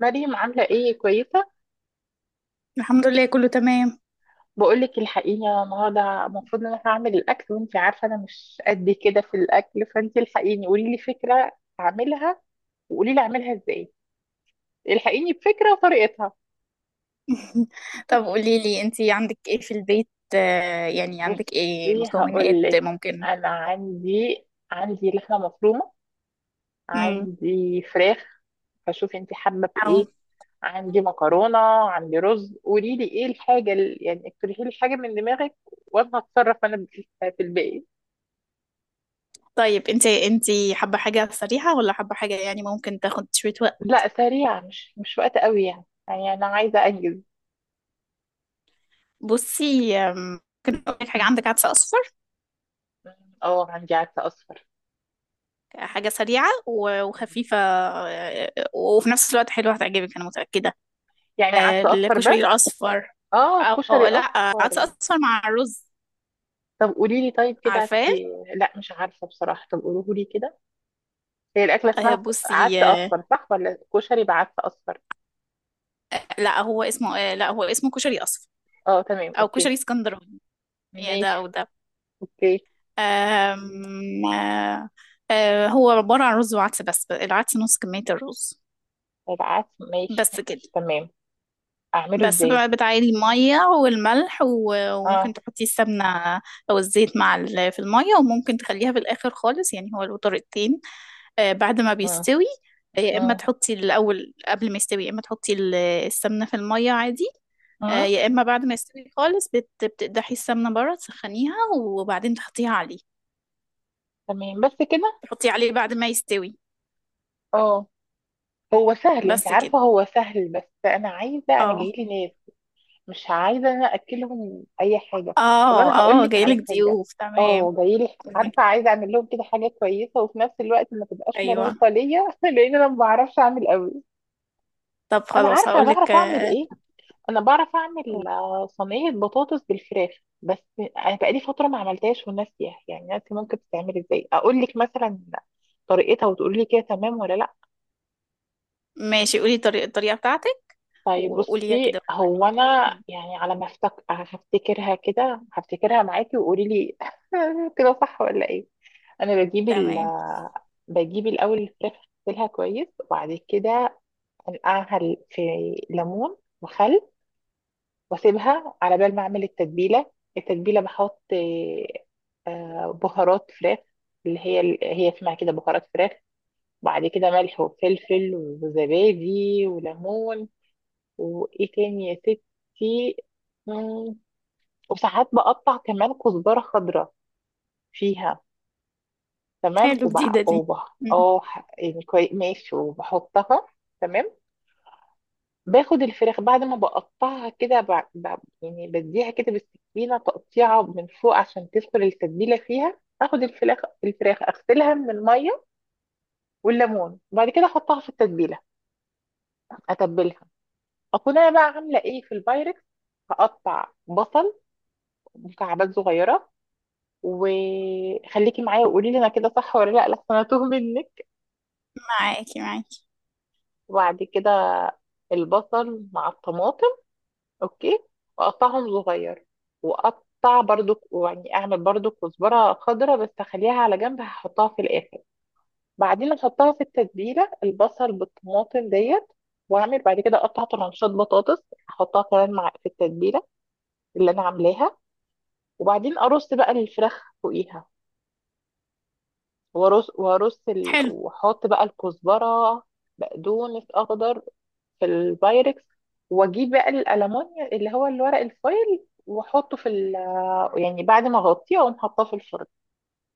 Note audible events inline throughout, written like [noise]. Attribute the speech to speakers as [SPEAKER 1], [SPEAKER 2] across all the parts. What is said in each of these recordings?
[SPEAKER 1] مريم عاملة ايه، كويسة؟
[SPEAKER 2] الحمد لله كله تمام.
[SPEAKER 1] بقولك الحقيني، أنا النهاردة المفروض ان انا هعمل الاكل، وانتي عارفة انا مش قد كده في الاكل، فانتي الحقيني قولي لي فكرة اعملها، وقولي لي اعملها ازاي. الحقيني بفكرة وطريقتها.
[SPEAKER 2] طب قولي لي انتي عندك ايه في البيت؟ يعني عندك ايه
[SPEAKER 1] بصي
[SPEAKER 2] مكونات
[SPEAKER 1] هقولك،
[SPEAKER 2] ممكن؟
[SPEAKER 1] انا عندي، عندي لحمة مفرومة،
[SPEAKER 2] امم.
[SPEAKER 1] عندي فراخ، فشوفي انتي حابة
[SPEAKER 2] او.
[SPEAKER 1] بايه. عندي مكرونة، عندي رز. قولي لي ايه الحاجة اقترحي لي حاجة من دماغك، وانا هتصرف انا في الباقي.
[SPEAKER 2] طيب انتي حابة حاجة سريعة ولا حابة حاجة يعني ممكن تاخد شوية وقت؟
[SPEAKER 1] لا سريعة، مش وقت قوي، يعني أنا عايزة أنجز.
[SPEAKER 2] بصي، ممكن اقول لك حاجة.
[SPEAKER 1] م-
[SPEAKER 2] عندك عدس اصفر؟
[SPEAKER 1] م- اه، عندي عدس أصفر.
[SPEAKER 2] حاجة سريعة وخفيفة، وفي نفس الوقت حلوة، هتعجبك انا متأكدة.
[SPEAKER 1] يعني عدس أصفر
[SPEAKER 2] الكشري
[SPEAKER 1] بس؟
[SPEAKER 2] الاصفر.
[SPEAKER 1] اه
[SPEAKER 2] او
[SPEAKER 1] كشري
[SPEAKER 2] لا، عدس
[SPEAKER 1] أصفر.
[SPEAKER 2] اصفر مع الرز.
[SPEAKER 1] طب قولي لي، طيب كده
[SPEAKER 2] عارفاه؟
[SPEAKER 1] إيه؟ لا مش عارفة بصراحة، طب قولوه لي كده. هي الأكلة
[SPEAKER 2] آه،
[SPEAKER 1] اسمها
[SPEAKER 2] بصي
[SPEAKER 1] عدس
[SPEAKER 2] آه،
[SPEAKER 1] أصفر، صح؟ ولا كشري بعدس أصفر؟
[SPEAKER 2] لا هو اسمه كشري اصفر،
[SPEAKER 1] اه تمام،
[SPEAKER 2] او
[SPEAKER 1] أوكي.
[SPEAKER 2] كشري اسكندراني، يعني ده
[SPEAKER 1] ماشي،
[SPEAKER 2] او ده.
[SPEAKER 1] أوكي.
[SPEAKER 2] أم... آه، آه، هو عبارة عن رز وعدس، بس العدس نص كمية الرز.
[SPEAKER 1] طيب عدس، ماشي.
[SPEAKER 2] بس كده.
[SPEAKER 1] تمام، أعمله
[SPEAKER 2] بس
[SPEAKER 1] إزاي؟
[SPEAKER 2] بقى بتعيلي المية والملح وممكن
[SPEAKER 1] اه.
[SPEAKER 2] تحطي السمنة أو الزيت مع في المية، وممكن تخليها في الآخر خالص. يعني هو له طريقتين: بعد ما
[SPEAKER 1] اه.
[SPEAKER 2] بيستوي، يا إما
[SPEAKER 1] اه.
[SPEAKER 2] تحطي الأول قبل ما يستوي، يا إما تحطي السمنة في المية عادي،
[SPEAKER 1] اه.
[SPEAKER 2] يا إما بعد ما يستوي خالص بتقدحي السمنة بره، تسخنيها وبعدين تحطيها عليه.
[SPEAKER 1] تمام بس كده.
[SPEAKER 2] تحطي عليه بعد ما يستوي.
[SPEAKER 1] اه. هو سهل انت
[SPEAKER 2] بس كده.
[SPEAKER 1] عارفة، هو سهل، بس انا عايزة، انا
[SPEAKER 2] اه
[SPEAKER 1] جايلي ناس. مش عايزة انا اكلهم اي حاجة. طب
[SPEAKER 2] اه.
[SPEAKER 1] انا هقول
[SPEAKER 2] اه،
[SPEAKER 1] لك على
[SPEAKER 2] جايلك
[SPEAKER 1] حاجة.
[SPEAKER 2] ضيوف، تمام.
[SPEAKER 1] اه جايلي. عارفة، عايزة اعمل لهم كده حاجة كويسة، وفي نفس الوقت ما تبقاش
[SPEAKER 2] ايوه.
[SPEAKER 1] مرهقة ليا، [laughs] لان انا ما بعرفش اعمل قوي.
[SPEAKER 2] طب
[SPEAKER 1] انا
[SPEAKER 2] خلاص
[SPEAKER 1] عارفة
[SPEAKER 2] هقولك.
[SPEAKER 1] بعرف اعمل ايه. انا بعرف اعمل صينية بطاطس بالفراخ، بس. انا بقالي فترة ما عملتهاش وناسية، يعني ناسي ممكن تتعمل ازاي. اقول لك مثلا طريقتها وتقولي لي كده تمام ولا؟
[SPEAKER 2] ماشي، قولي طريقة الطريقة بتاعتك
[SPEAKER 1] طيب
[SPEAKER 2] وقوليها
[SPEAKER 1] بصي،
[SPEAKER 2] كده.
[SPEAKER 1] هو انا
[SPEAKER 2] م.
[SPEAKER 1] يعني على ما افتك... هفتكرها كده، هفتكرها معاكي وقولي لي. [laughs] كده صح ولا ايه؟ انا بجيب ال...
[SPEAKER 2] تمام.
[SPEAKER 1] بجيب الاول الفراخ، اغسلها كويس، وبعد كده انقعها في ليمون وخل، واسيبها على بال ما اعمل التتبيله. التتبيله بحط بهارات فراخ، اللي هي اسمها كده بهارات فراخ. وبعد كده ملح وفلفل وزبادي وليمون. وايه تاني يا ستي؟ مم، وساعات بقطع كمان كزبرة خضراء فيها. تمام.
[SPEAKER 2] حلو،
[SPEAKER 1] وبع
[SPEAKER 2] جديدة دي.
[SPEAKER 1] وبح
[SPEAKER 2] م.
[SPEAKER 1] اه، يعني كويس ماشي، وبحطها. تمام، باخد الفراخ بعد ما بقطعها كده يعني بديها كده بالسكينة تقطيعة من فوق عشان تدخل التتبيلة فيها. اخد الفراخ، الفراخ اغسلها من المية والليمون، وبعد كده احطها في التتبيلة، اتبلها. اكون انا بقى عاملة ايه في البايركس، هقطع بصل مكعبات صغيرة. وخليكي معايا وقولي لي انا كده صح ولا لا، لحسن انا توه منك.
[SPEAKER 2] معاكي معاكي.
[SPEAKER 1] وبعد كده البصل مع الطماطم. اوكي. واقطعهم صغير. واقطع برضو، يعني اعمل برضو كزبره خضراء بس اخليها على جنب، هحطها في الاخر. بعدين احطها في التتبيله، البصل بالطماطم ديت. واعمل بعد كده اقطع طرنشات بطاطس، احطها كمان مع في التتبيله اللي انا عاملاها. وبعدين ارص بقى الفراخ فوقيها،
[SPEAKER 2] حلو.
[SPEAKER 1] واحط بقى الكزبره، بقدونس اخضر، في البايركس. واجيب بقى الالومنيوم اللي هو الورق الفويل واحطه يعني بعد ما اغطيه اقوم حاطاه في الفرن.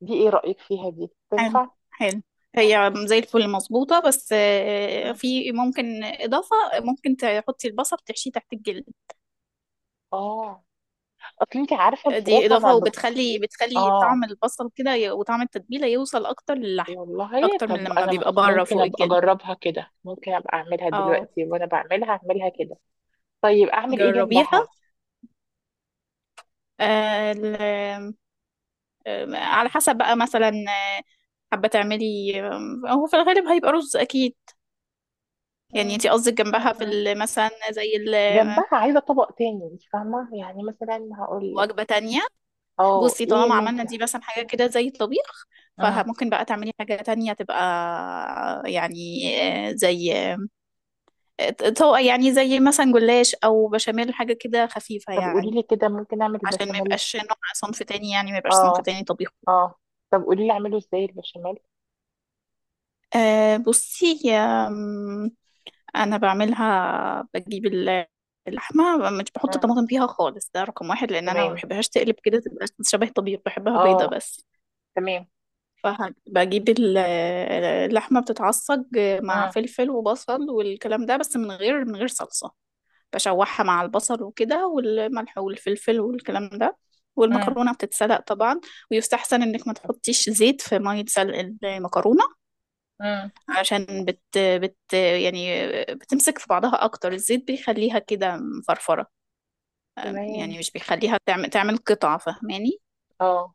[SPEAKER 1] دي ايه رايك فيها، دي
[SPEAKER 2] حلو.
[SPEAKER 1] تنفع؟
[SPEAKER 2] حلو، هي زي الفل مظبوطة، بس
[SPEAKER 1] مم.
[SPEAKER 2] في ممكن إضافة، ممكن تحطي البصل تحشيه تحت الجلد.
[SPEAKER 1] اه. اصل انت عارفه
[SPEAKER 2] دي
[SPEAKER 1] الفراخ انا
[SPEAKER 2] إضافة، بتخلي
[SPEAKER 1] اه
[SPEAKER 2] طعم البصل كده وطعم التتبيلة يوصل أكتر للحم،
[SPEAKER 1] والله،
[SPEAKER 2] أكتر من
[SPEAKER 1] طب
[SPEAKER 2] لما
[SPEAKER 1] انا
[SPEAKER 2] بيبقى بره
[SPEAKER 1] ممكن
[SPEAKER 2] فوق
[SPEAKER 1] ابقى
[SPEAKER 2] الجلد.
[SPEAKER 1] اجربها كده، ممكن ابقى اعملها
[SPEAKER 2] اه،
[SPEAKER 1] دلوقتي، وانا بعملها اعملها كده. طيب اعمل ايه
[SPEAKER 2] جربيها.
[SPEAKER 1] جنبها؟
[SPEAKER 2] آه، ال- على حسب بقى، مثلا حابة تعملي. هو في الغالب هيبقى رز أكيد. يعني انتي قصدك جنبها في
[SPEAKER 1] مم.
[SPEAKER 2] مثلا زي
[SPEAKER 1] جنبها عايزة طبق تاني، انت فاهمة؟ يعني مثلا هقول لك.
[SPEAKER 2] وجبة تانية.
[SPEAKER 1] اه،
[SPEAKER 2] بصي،
[SPEAKER 1] ايه
[SPEAKER 2] طالما عملنا
[SPEAKER 1] ممكن.
[SPEAKER 2] دي مثلا حاجة كده زي الطبيخ،
[SPEAKER 1] مم.
[SPEAKER 2] فممكن بقى تعملي حاجة تانية تبقى يعني زي آه، طبقة، يعني زي مثلا جلاش أو بشاميل، حاجة كده خفيفة
[SPEAKER 1] طب قولي
[SPEAKER 2] يعني،
[SPEAKER 1] لي كده، ممكن اعمل
[SPEAKER 2] عشان ما
[SPEAKER 1] البشاميل؟
[SPEAKER 2] يبقاش نوع صنف تاني، يعني ما يبقاش صنف
[SPEAKER 1] اه.
[SPEAKER 2] تاني طبيخ.
[SPEAKER 1] اه. طب قولي لي اعمله ازاي البشاميل؟
[SPEAKER 2] أه بصي، أنا بعملها بجيب اللحمة، مش بحط
[SPEAKER 1] مم.
[SPEAKER 2] طماطم فيها خالص، ده رقم واحد، لأن أنا ما
[SPEAKER 1] تمام.
[SPEAKER 2] بحبهاش تقلب كده تبقى شبه طبيخ، بحبها بيضة
[SPEAKER 1] اه.
[SPEAKER 2] بس.
[SPEAKER 1] تمام.
[SPEAKER 2] فبجيب اللحمة بتتعصج مع
[SPEAKER 1] مم.
[SPEAKER 2] فلفل وبصل والكلام ده، بس من غير صلصة. بشوحها مع البصل وكده، والملح والفلفل والكلام ده.
[SPEAKER 1] مم.
[SPEAKER 2] والمكرونة بتتسلق طبعا. ويستحسن انك ما تحطيش زيت في مية سلق المكرونة،
[SPEAKER 1] مم.
[SPEAKER 2] عشان بت بت يعني بتمسك في بعضها اكتر، الزيت بيخليها كده مفرفرة،
[SPEAKER 1] تمام.
[SPEAKER 2] يعني مش بيخليها تعمل قطع. فاهماني؟
[SPEAKER 1] اه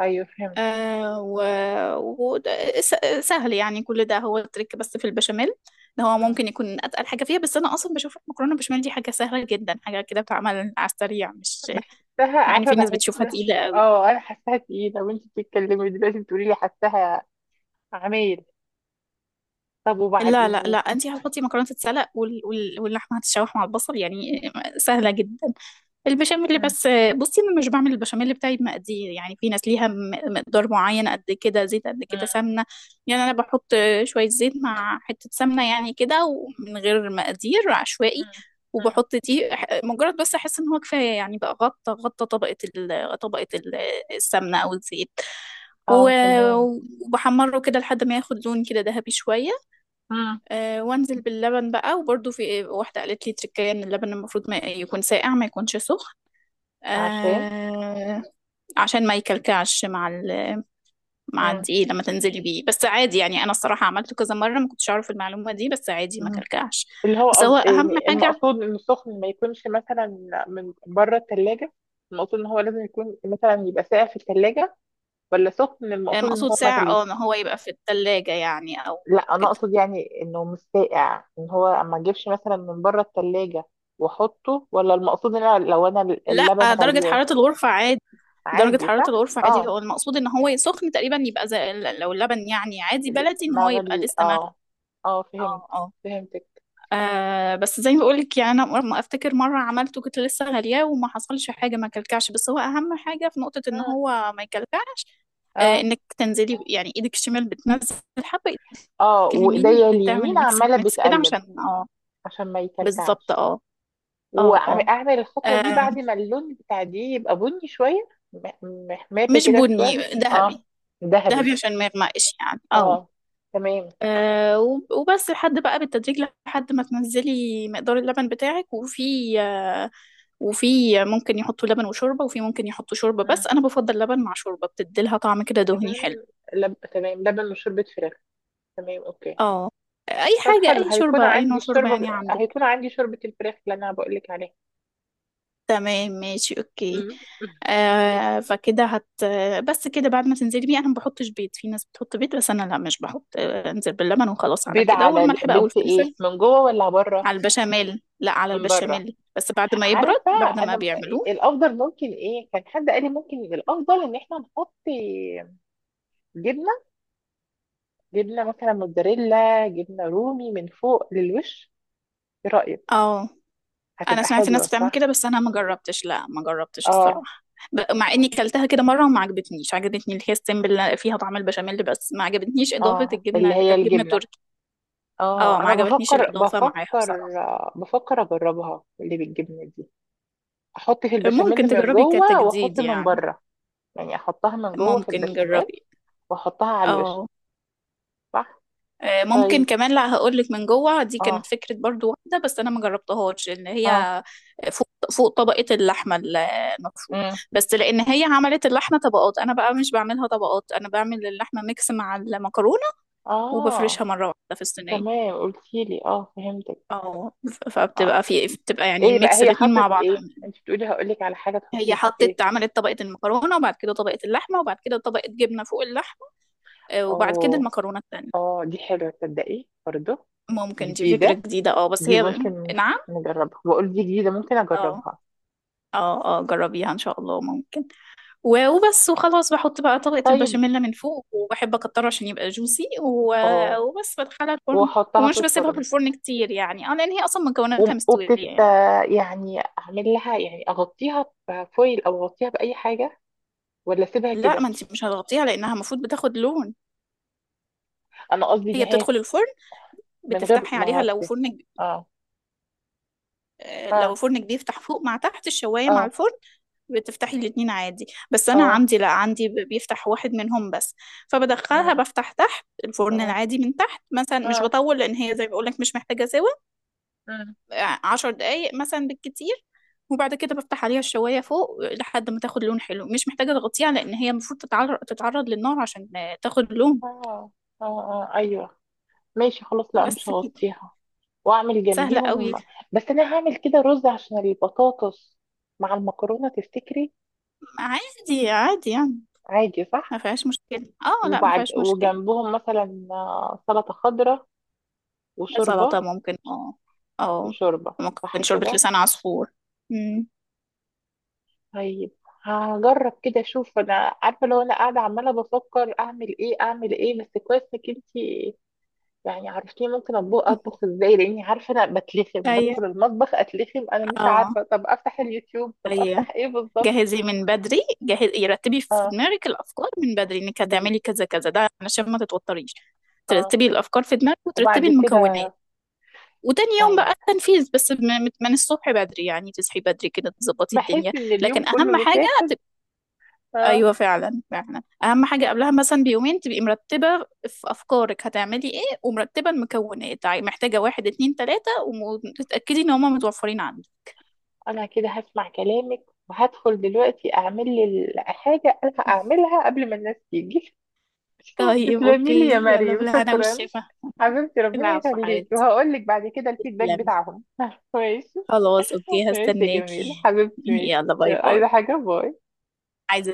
[SPEAKER 1] ايوه فهمت.
[SPEAKER 2] آه و... وده س- سهل يعني، كل ده هو التريك. بس في البشاميل ده هو
[SPEAKER 1] مم.
[SPEAKER 2] ممكن يكون اتقل حاجه فيها، بس انا اصلا بشوف المكرونه بالبشاميل دي حاجه سهله جدا، حاجه كده بتعمل على السريع، مش
[SPEAKER 1] بحسها،
[SPEAKER 2] مع ان
[SPEAKER 1] عارفة،
[SPEAKER 2] في ناس
[SPEAKER 1] بحس.
[SPEAKER 2] بتشوفها تقيله قوي.
[SPEAKER 1] اه انا حاساها تقيلة، وانت بتتكلمي دلوقتي بتقولي لي حاساها عمايل. طب وبعد
[SPEAKER 2] لا لا لا،
[SPEAKER 1] ايه؟
[SPEAKER 2] انت هتحطي مكرونه تتسلق وال... وال... واللحمه هتتشوح مع البصل، يعني سهله جدا. البشاميل
[SPEAKER 1] مم.
[SPEAKER 2] بس، بصي انا مش بعمل البشاميل بتاعي بمقادير. يعني في ناس ليها مقدار معين، قد كده زيت قد كده
[SPEAKER 1] مم.
[SPEAKER 2] سمنه. يعني انا بحط شويه زيت مع حته سمنه، يعني كده، ومن غير مقادير عشوائي.
[SPEAKER 1] مم. مم.
[SPEAKER 2] وبحط دي مجرد بس احس ان هو كفايه، يعني بقى غطى طبقه السمنه او الزيت، و-
[SPEAKER 1] اه تمام.
[SPEAKER 2] وبحمره كده لحد ما ياخد لون كده ذهبي شويه.
[SPEAKER 1] مم.
[SPEAKER 2] وانزل باللبن بقى. وبرده في واحده قالت لي تركية ان اللبن المفروض ما يكون ساقع، ما يكونش سخن،
[SPEAKER 1] عشان.
[SPEAKER 2] آه، عشان ما يكلكعش مع مع
[SPEAKER 1] مم.
[SPEAKER 2] الدقيق لما تنزلي بيه. بس عادي يعني، انا الصراحه عملته كذا مره ما كنتش اعرف المعلومه دي، بس عادي ما
[SPEAKER 1] مم.
[SPEAKER 2] كلكعش،
[SPEAKER 1] اللي هو
[SPEAKER 2] بس هو اهم
[SPEAKER 1] يعني
[SPEAKER 2] حاجه.
[SPEAKER 1] المقصود انه سخن، ما يكونش مثلا من بره التلاجة. المقصود ان هو لازم يكون مثلا يبقى ساقع في التلاجة، ولا سخن المقصود ان
[SPEAKER 2] مقصود
[SPEAKER 1] هو
[SPEAKER 2] ساعه،
[SPEAKER 1] مغلي؟
[SPEAKER 2] اه، ان هو يبقى في الثلاجه يعني. او
[SPEAKER 1] لا انا
[SPEAKER 2] كده
[SPEAKER 1] اقصد يعني انه مش ساقع، ان هو اما اجيبش مثلا من بره التلاجة واحطه. ولا المقصود ان أنا لو انا
[SPEAKER 2] لا،
[SPEAKER 1] اللبن
[SPEAKER 2] درجه
[SPEAKER 1] غلياه
[SPEAKER 2] حراره الغرفه عادي. درجة
[SPEAKER 1] عادي،
[SPEAKER 2] حرارة
[SPEAKER 1] صح؟
[SPEAKER 2] الغرفة عادي، هو
[SPEAKER 1] اه.
[SPEAKER 2] المقصود ان هو سخن تقريبا، يبقى زي لو اللبن يعني عادي بلدي، ان هو يبقى
[SPEAKER 1] مغلي،
[SPEAKER 2] لسه مغلي.
[SPEAKER 1] اه. اه فهمت،
[SPEAKER 2] اه اه.
[SPEAKER 1] فهمتك.
[SPEAKER 2] بس زي ما بقولك، يعني انا ما افتكر مره عملته كنت لسه غالياه وما حصلش حاجه، ما كلكعش. بس هو اهم حاجه في نقطه ان
[SPEAKER 1] اه.
[SPEAKER 2] هو ما يكلكعش. آه،
[SPEAKER 1] اه.
[SPEAKER 2] انك تنزلي، يعني ايدك الشمال بتنزل حبه ايدك،
[SPEAKER 1] اه.
[SPEAKER 2] اليمين
[SPEAKER 1] وايديا اليمين
[SPEAKER 2] بتعمل ميكس
[SPEAKER 1] عمالة
[SPEAKER 2] ميكس كده
[SPEAKER 1] بتقلب
[SPEAKER 2] عشان اه،
[SPEAKER 1] عشان ما
[SPEAKER 2] بالظبط.
[SPEAKER 1] يكلكعش.
[SPEAKER 2] اه اه اه.
[SPEAKER 1] واعمل الخطوه دي
[SPEAKER 2] آه،
[SPEAKER 1] بعد ما اللون بتاع دي يبقى بني شويه، محمر
[SPEAKER 2] مش
[SPEAKER 1] كده
[SPEAKER 2] بني
[SPEAKER 1] شويه. اه.
[SPEAKER 2] ذهبي،
[SPEAKER 1] ذهبي.
[SPEAKER 2] ذهبي عشان ما يغمقش يعني. اه.
[SPEAKER 1] اه تمام.
[SPEAKER 2] وبس لحد بقى بالتدريج لحد ما تنزلي مقدار اللبن بتاعك. وفي ممكن يحطوا لبن وشوربة، وفي ممكن يحطوا شوربة
[SPEAKER 1] مم.
[SPEAKER 2] بس. أنا بفضل لبن مع شوربة، بتديلها طعم كده دهني حلو.
[SPEAKER 1] لبن. تمام، لبن وشوربه فراخ. تمام اوكي.
[SPEAKER 2] اه. أي
[SPEAKER 1] طب
[SPEAKER 2] حاجة،
[SPEAKER 1] حلو،
[SPEAKER 2] أي
[SPEAKER 1] هيكون
[SPEAKER 2] شوربة، أي
[SPEAKER 1] عندي
[SPEAKER 2] نوع شوربة
[SPEAKER 1] الشوربه،
[SPEAKER 2] يعني عندك.
[SPEAKER 1] هيكون عندي شوربه الفراخ اللي انا بقول لك عليها.
[SPEAKER 2] تمام ماشي أوكي.
[SPEAKER 1] مم.
[SPEAKER 2] آه فكده هت بس كده بعد ما تنزلي بيه. أنا ما بحطش بيض، في ناس بتحط بيض بس أنا لا، مش بحط. أنزل باللبن وخلاص على
[SPEAKER 1] بيض
[SPEAKER 2] كده،
[SPEAKER 1] على
[SPEAKER 2] والملح بقى
[SPEAKER 1] بيض في ايه،
[SPEAKER 2] والفلفل
[SPEAKER 1] من جوه ولا بره؟
[SPEAKER 2] على البشاميل. لا، على
[SPEAKER 1] من بره.
[SPEAKER 2] البشاميل بس بعد ما يبرد،
[SPEAKER 1] عارفه
[SPEAKER 2] بعد ما
[SPEAKER 1] انا،
[SPEAKER 2] بيعملوه.
[SPEAKER 1] الافضل ممكن، ايه كان حد قال لي ممكن الافضل ان احنا نحط جبنه، جبنة مثلا موتزاريلا، جبنة رومي من فوق للوش. ايه رأيك؟
[SPEAKER 2] اه. انا
[SPEAKER 1] هتبقى
[SPEAKER 2] سمعت الناس
[SPEAKER 1] حلوة
[SPEAKER 2] بتعمل
[SPEAKER 1] صح؟
[SPEAKER 2] كده، بس انا ما جربتش، لا ما جربتش
[SPEAKER 1] اه.
[SPEAKER 2] الصراحه. مع اني كلتها كده مره وما عجبتنيش. عجبتني اللي هي السمبل اللي فيها طعم البشاميل، بس ما عجبتنيش اضافه
[SPEAKER 1] اه
[SPEAKER 2] الجبنه
[SPEAKER 1] اللي
[SPEAKER 2] اللي
[SPEAKER 1] هي
[SPEAKER 2] كانت جبنه
[SPEAKER 1] الجبنة.
[SPEAKER 2] تركي. اه،
[SPEAKER 1] اه
[SPEAKER 2] ما
[SPEAKER 1] انا
[SPEAKER 2] عجبتنيش
[SPEAKER 1] بفكر
[SPEAKER 2] الاضافه معاها بصراحه.
[SPEAKER 1] بفكر بفكر اجربها، اللي بالجبنة دي. احط في
[SPEAKER 2] ممكن
[SPEAKER 1] البشاميل من
[SPEAKER 2] تجربي
[SPEAKER 1] جوه
[SPEAKER 2] كتجديد
[SPEAKER 1] واحط من
[SPEAKER 2] يعني.
[SPEAKER 1] بره، يعني احطها من جوه في
[SPEAKER 2] ممكن
[SPEAKER 1] البشاميل،
[SPEAKER 2] نجربي.
[SPEAKER 1] واحطها على الوش،
[SPEAKER 2] اه.
[SPEAKER 1] صح؟
[SPEAKER 2] ممكن
[SPEAKER 1] طيب.
[SPEAKER 2] كمان، لا هقولك من جوه، دي كانت
[SPEAKER 1] اه.
[SPEAKER 2] فكرة برضو واحدة بس أنا ما جربتهاش، إن
[SPEAKER 1] اه.
[SPEAKER 2] هي فوق طبقة اللحمة المفروم.
[SPEAKER 1] امم.
[SPEAKER 2] بس لأن هي عملت اللحمة طبقات، أنا بقى مش بعملها طبقات، أنا بعمل اللحمة ميكس مع المكرونة وبفرشها
[SPEAKER 1] اه
[SPEAKER 2] مرة واحدة في الصينية.
[SPEAKER 1] تمام، قلتيلي، اه فهمتك.
[SPEAKER 2] أو فبتبقى
[SPEAKER 1] اه،
[SPEAKER 2] في بتبقى يعني
[SPEAKER 1] ايه بقى
[SPEAKER 2] ميكس
[SPEAKER 1] هي
[SPEAKER 2] الاتنين مع
[SPEAKER 1] حطت
[SPEAKER 2] بعض.
[SPEAKER 1] ايه؟ انت بتقولي هقولك على حاجة
[SPEAKER 2] هي
[SPEAKER 1] تحطيها، ايه؟
[SPEAKER 2] حطت، عملت طبقة المكرونة، وبعد كده طبقة اللحمة، وبعد كده طبقة جبنة فوق اللحمة، وبعد كده
[SPEAKER 1] اوه.
[SPEAKER 2] المكرونة التانية.
[SPEAKER 1] اه دي حلوة تصدقي برضه.
[SPEAKER 2] ممكن دي فكرة
[SPEAKER 1] جديدة.
[SPEAKER 2] جديدة، اه، بس
[SPEAKER 1] دي
[SPEAKER 2] هي.
[SPEAKER 1] ممكن
[SPEAKER 2] نعم.
[SPEAKER 1] نجربها، بقول دي جديدة ممكن
[SPEAKER 2] اه
[SPEAKER 1] اجربها.
[SPEAKER 2] اه، اه جربيها ان شاء الله، ممكن. وبس وخلاص، بحط بقى طبقة
[SPEAKER 1] طيب.
[SPEAKER 2] البشاميل من فوق، وبحب اكتره عشان يبقى جوسي.
[SPEAKER 1] اه.
[SPEAKER 2] وبس بدخلها الفرن.
[SPEAKER 1] واحطها في
[SPEAKER 2] ومش بسيبها في
[SPEAKER 1] الفرن.
[SPEAKER 2] الفرن كتير، يعني اه، لان هي اصلا مكوناتها مستوية
[SPEAKER 1] وبتت،
[SPEAKER 2] يعني.
[SPEAKER 1] يعني اعمل لها، يعني اغطيها بفويل او اغطيها باي حاجة، ولا اسيبها
[SPEAKER 2] لا، ما
[SPEAKER 1] كده؟
[SPEAKER 2] انت مش هتغطيها، لانها المفروض بتاخد لون.
[SPEAKER 1] انا قصدي ان
[SPEAKER 2] هي
[SPEAKER 1] هي
[SPEAKER 2] بتدخل الفرن،
[SPEAKER 1] من غير
[SPEAKER 2] بتفتحي
[SPEAKER 1] ما
[SPEAKER 2] عليها لو
[SPEAKER 1] اغطي.
[SPEAKER 2] فرن
[SPEAKER 1] اه.
[SPEAKER 2] لو
[SPEAKER 1] اه.
[SPEAKER 2] فرن كبير تحت فوق، مع تحت الشواية مع
[SPEAKER 1] اه.
[SPEAKER 2] الفرن، بتفتحي الاتنين عادي. بس انا
[SPEAKER 1] اه.
[SPEAKER 2] عندي لا، عندي بيفتح واحد منهم بس. فبدخلها بفتح تحت الفرن
[SPEAKER 1] اه.
[SPEAKER 2] العادي من تحت مثلا،
[SPEAKER 1] اه.
[SPEAKER 2] مش
[SPEAKER 1] اه.
[SPEAKER 2] بطول، لان هي زي ما بقولك مش محتاجه سوا
[SPEAKER 1] اه.
[SPEAKER 2] 10 دقايق مثلا بالكتير. وبعد كده بفتح عليها الشوايه فوق لحد ما تاخد لون حلو. مش محتاجه تغطيها لان هي المفروض تتعرض للنار عشان تاخد لون.
[SPEAKER 1] اه. اه. ايوه. ماشي خلاص، لا مش
[SPEAKER 2] بس كده.
[SPEAKER 1] هغطيها. واعمل
[SPEAKER 2] سهله قوي.
[SPEAKER 1] جنبيهم، بس انا هعمل كده رز، عشان البطاطس مع المكرونه، تفتكري
[SPEAKER 2] عادي عادي يعني،
[SPEAKER 1] عادي، صح؟
[SPEAKER 2] ما فيهاش مشكله، اه لا ما
[SPEAKER 1] وبعد
[SPEAKER 2] فيهاش مشكله.
[SPEAKER 1] وجنبهم مثلا سلطه خضراء، وشوربه.
[SPEAKER 2] سلطه ممكن، اه. اه.
[SPEAKER 1] وشوربه. صح
[SPEAKER 2] ممكن شوربه
[SPEAKER 1] كده.
[SPEAKER 2] لسان عصفور.
[SPEAKER 1] طيب، هجرب كده اشوف. انا عارفه لو انا قاعده عماله بفكر اعمل ايه اعمل ايه، بس كويس انك انت يعني عرفتيني ممكن اطبخ، ازاي، لاني عارفه انا بتلخم،
[SPEAKER 2] ايوه.
[SPEAKER 1] بدخل المطبخ اتلخم، انا مش
[SPEAKER 2] اه
[SPEAKER 1] عارفه طب افتح اليوتيوب، طب
[SPEAKER 2] ايوه،
[SPEAKER 1] افتح ايه بالظبط.
[SPEAKER 2] جهزي من بدري، جهزي، رتبي في
[SPEAKER 1] آه.
[SPEAKER 2] دماغك الافكار من بدري انك
[SPEAKER 1] بال...
[SPEAKER 2] هتعملي كذا كذا، ده علشان ما تتوتريش.
[SPEAKER 1] اه.
[SPEAKER 2] ترتبي الافكار في دماغك وترتبي
[SPEAKER 1] وبعد
[SPEAKER 2] المكونات.
[SPEAKER 1] كده
[SPEAKER 2] وتاني يوم
[SPEAKER 1] طيب.
[SPEAKER 2] بقى التنفيذ بس، من الصبح بدري، يعني تصحي بدري كده تظبطي
[SPEAKER 1] بحس
[SPEAKER 2] الدنيا.
[SPEAKER 1] ان اليوم
[SPEAKER 2] لكن
[SPEAKER 1] كله
[SPEAKER 2] اهم حاجه.
[SPEAKER 1] بيتاخد. اه.
[SPEAKER 2] ايوه فعلا فعلا، اهم حاجه قبلها مثلا بيومين تبقي مرتبه في افكارك هتعملي ايه، ومرتبه المكونات، محتاجه واحد اتنين تلاته، وتتاكدي ان هما متوفرين عندك.
[SPEAKER 1] انا كده هسمع كلامك، وهدخل دلوقتي اعمل لي حاجه انا هعملها قبل ما الناس تيجي. [laughs]
[SPEAKER 2] طيب
[SPEAKER 1] تسلمي لي
[SPEAKER 2] اوكي،
[SPEAKER 1] يا
[SPEAKER 2] يلا
[SPEAKER 1] مريم،
[SPEAKER 2] بالهنا
[SPEAKER 1] شكرا.
[SPEAKER 2] والشفا.
[SPEAKER 1] حبيبتي ربنا
[SPEAKER 2] العفو
[SPEAKER 1] يخليك،
[SPEAKER 2] حبيبتي،
[SPEAKER 1] وهقول لك بعد كده الفيدباك
[SPEAKER 2] تسلمي.
[SPEAKER 1] بتاعهم. [laughs] ماشي.
[SPEAKER 2] خلاص اوكي،
[SPEAKER 1] ماشي يا جميل،
[SPEAKER 2] هستناكي
[SPEAKER 1] حبيبتي،
[SPEAKER 2] [laughs]
[SPEAKER 1] ماشي،
[SPEAKER 2] يلا باي باي.
[SPEAKER 1] عايزه حاجه؟ باي.
[SPEAKER 2] عايزة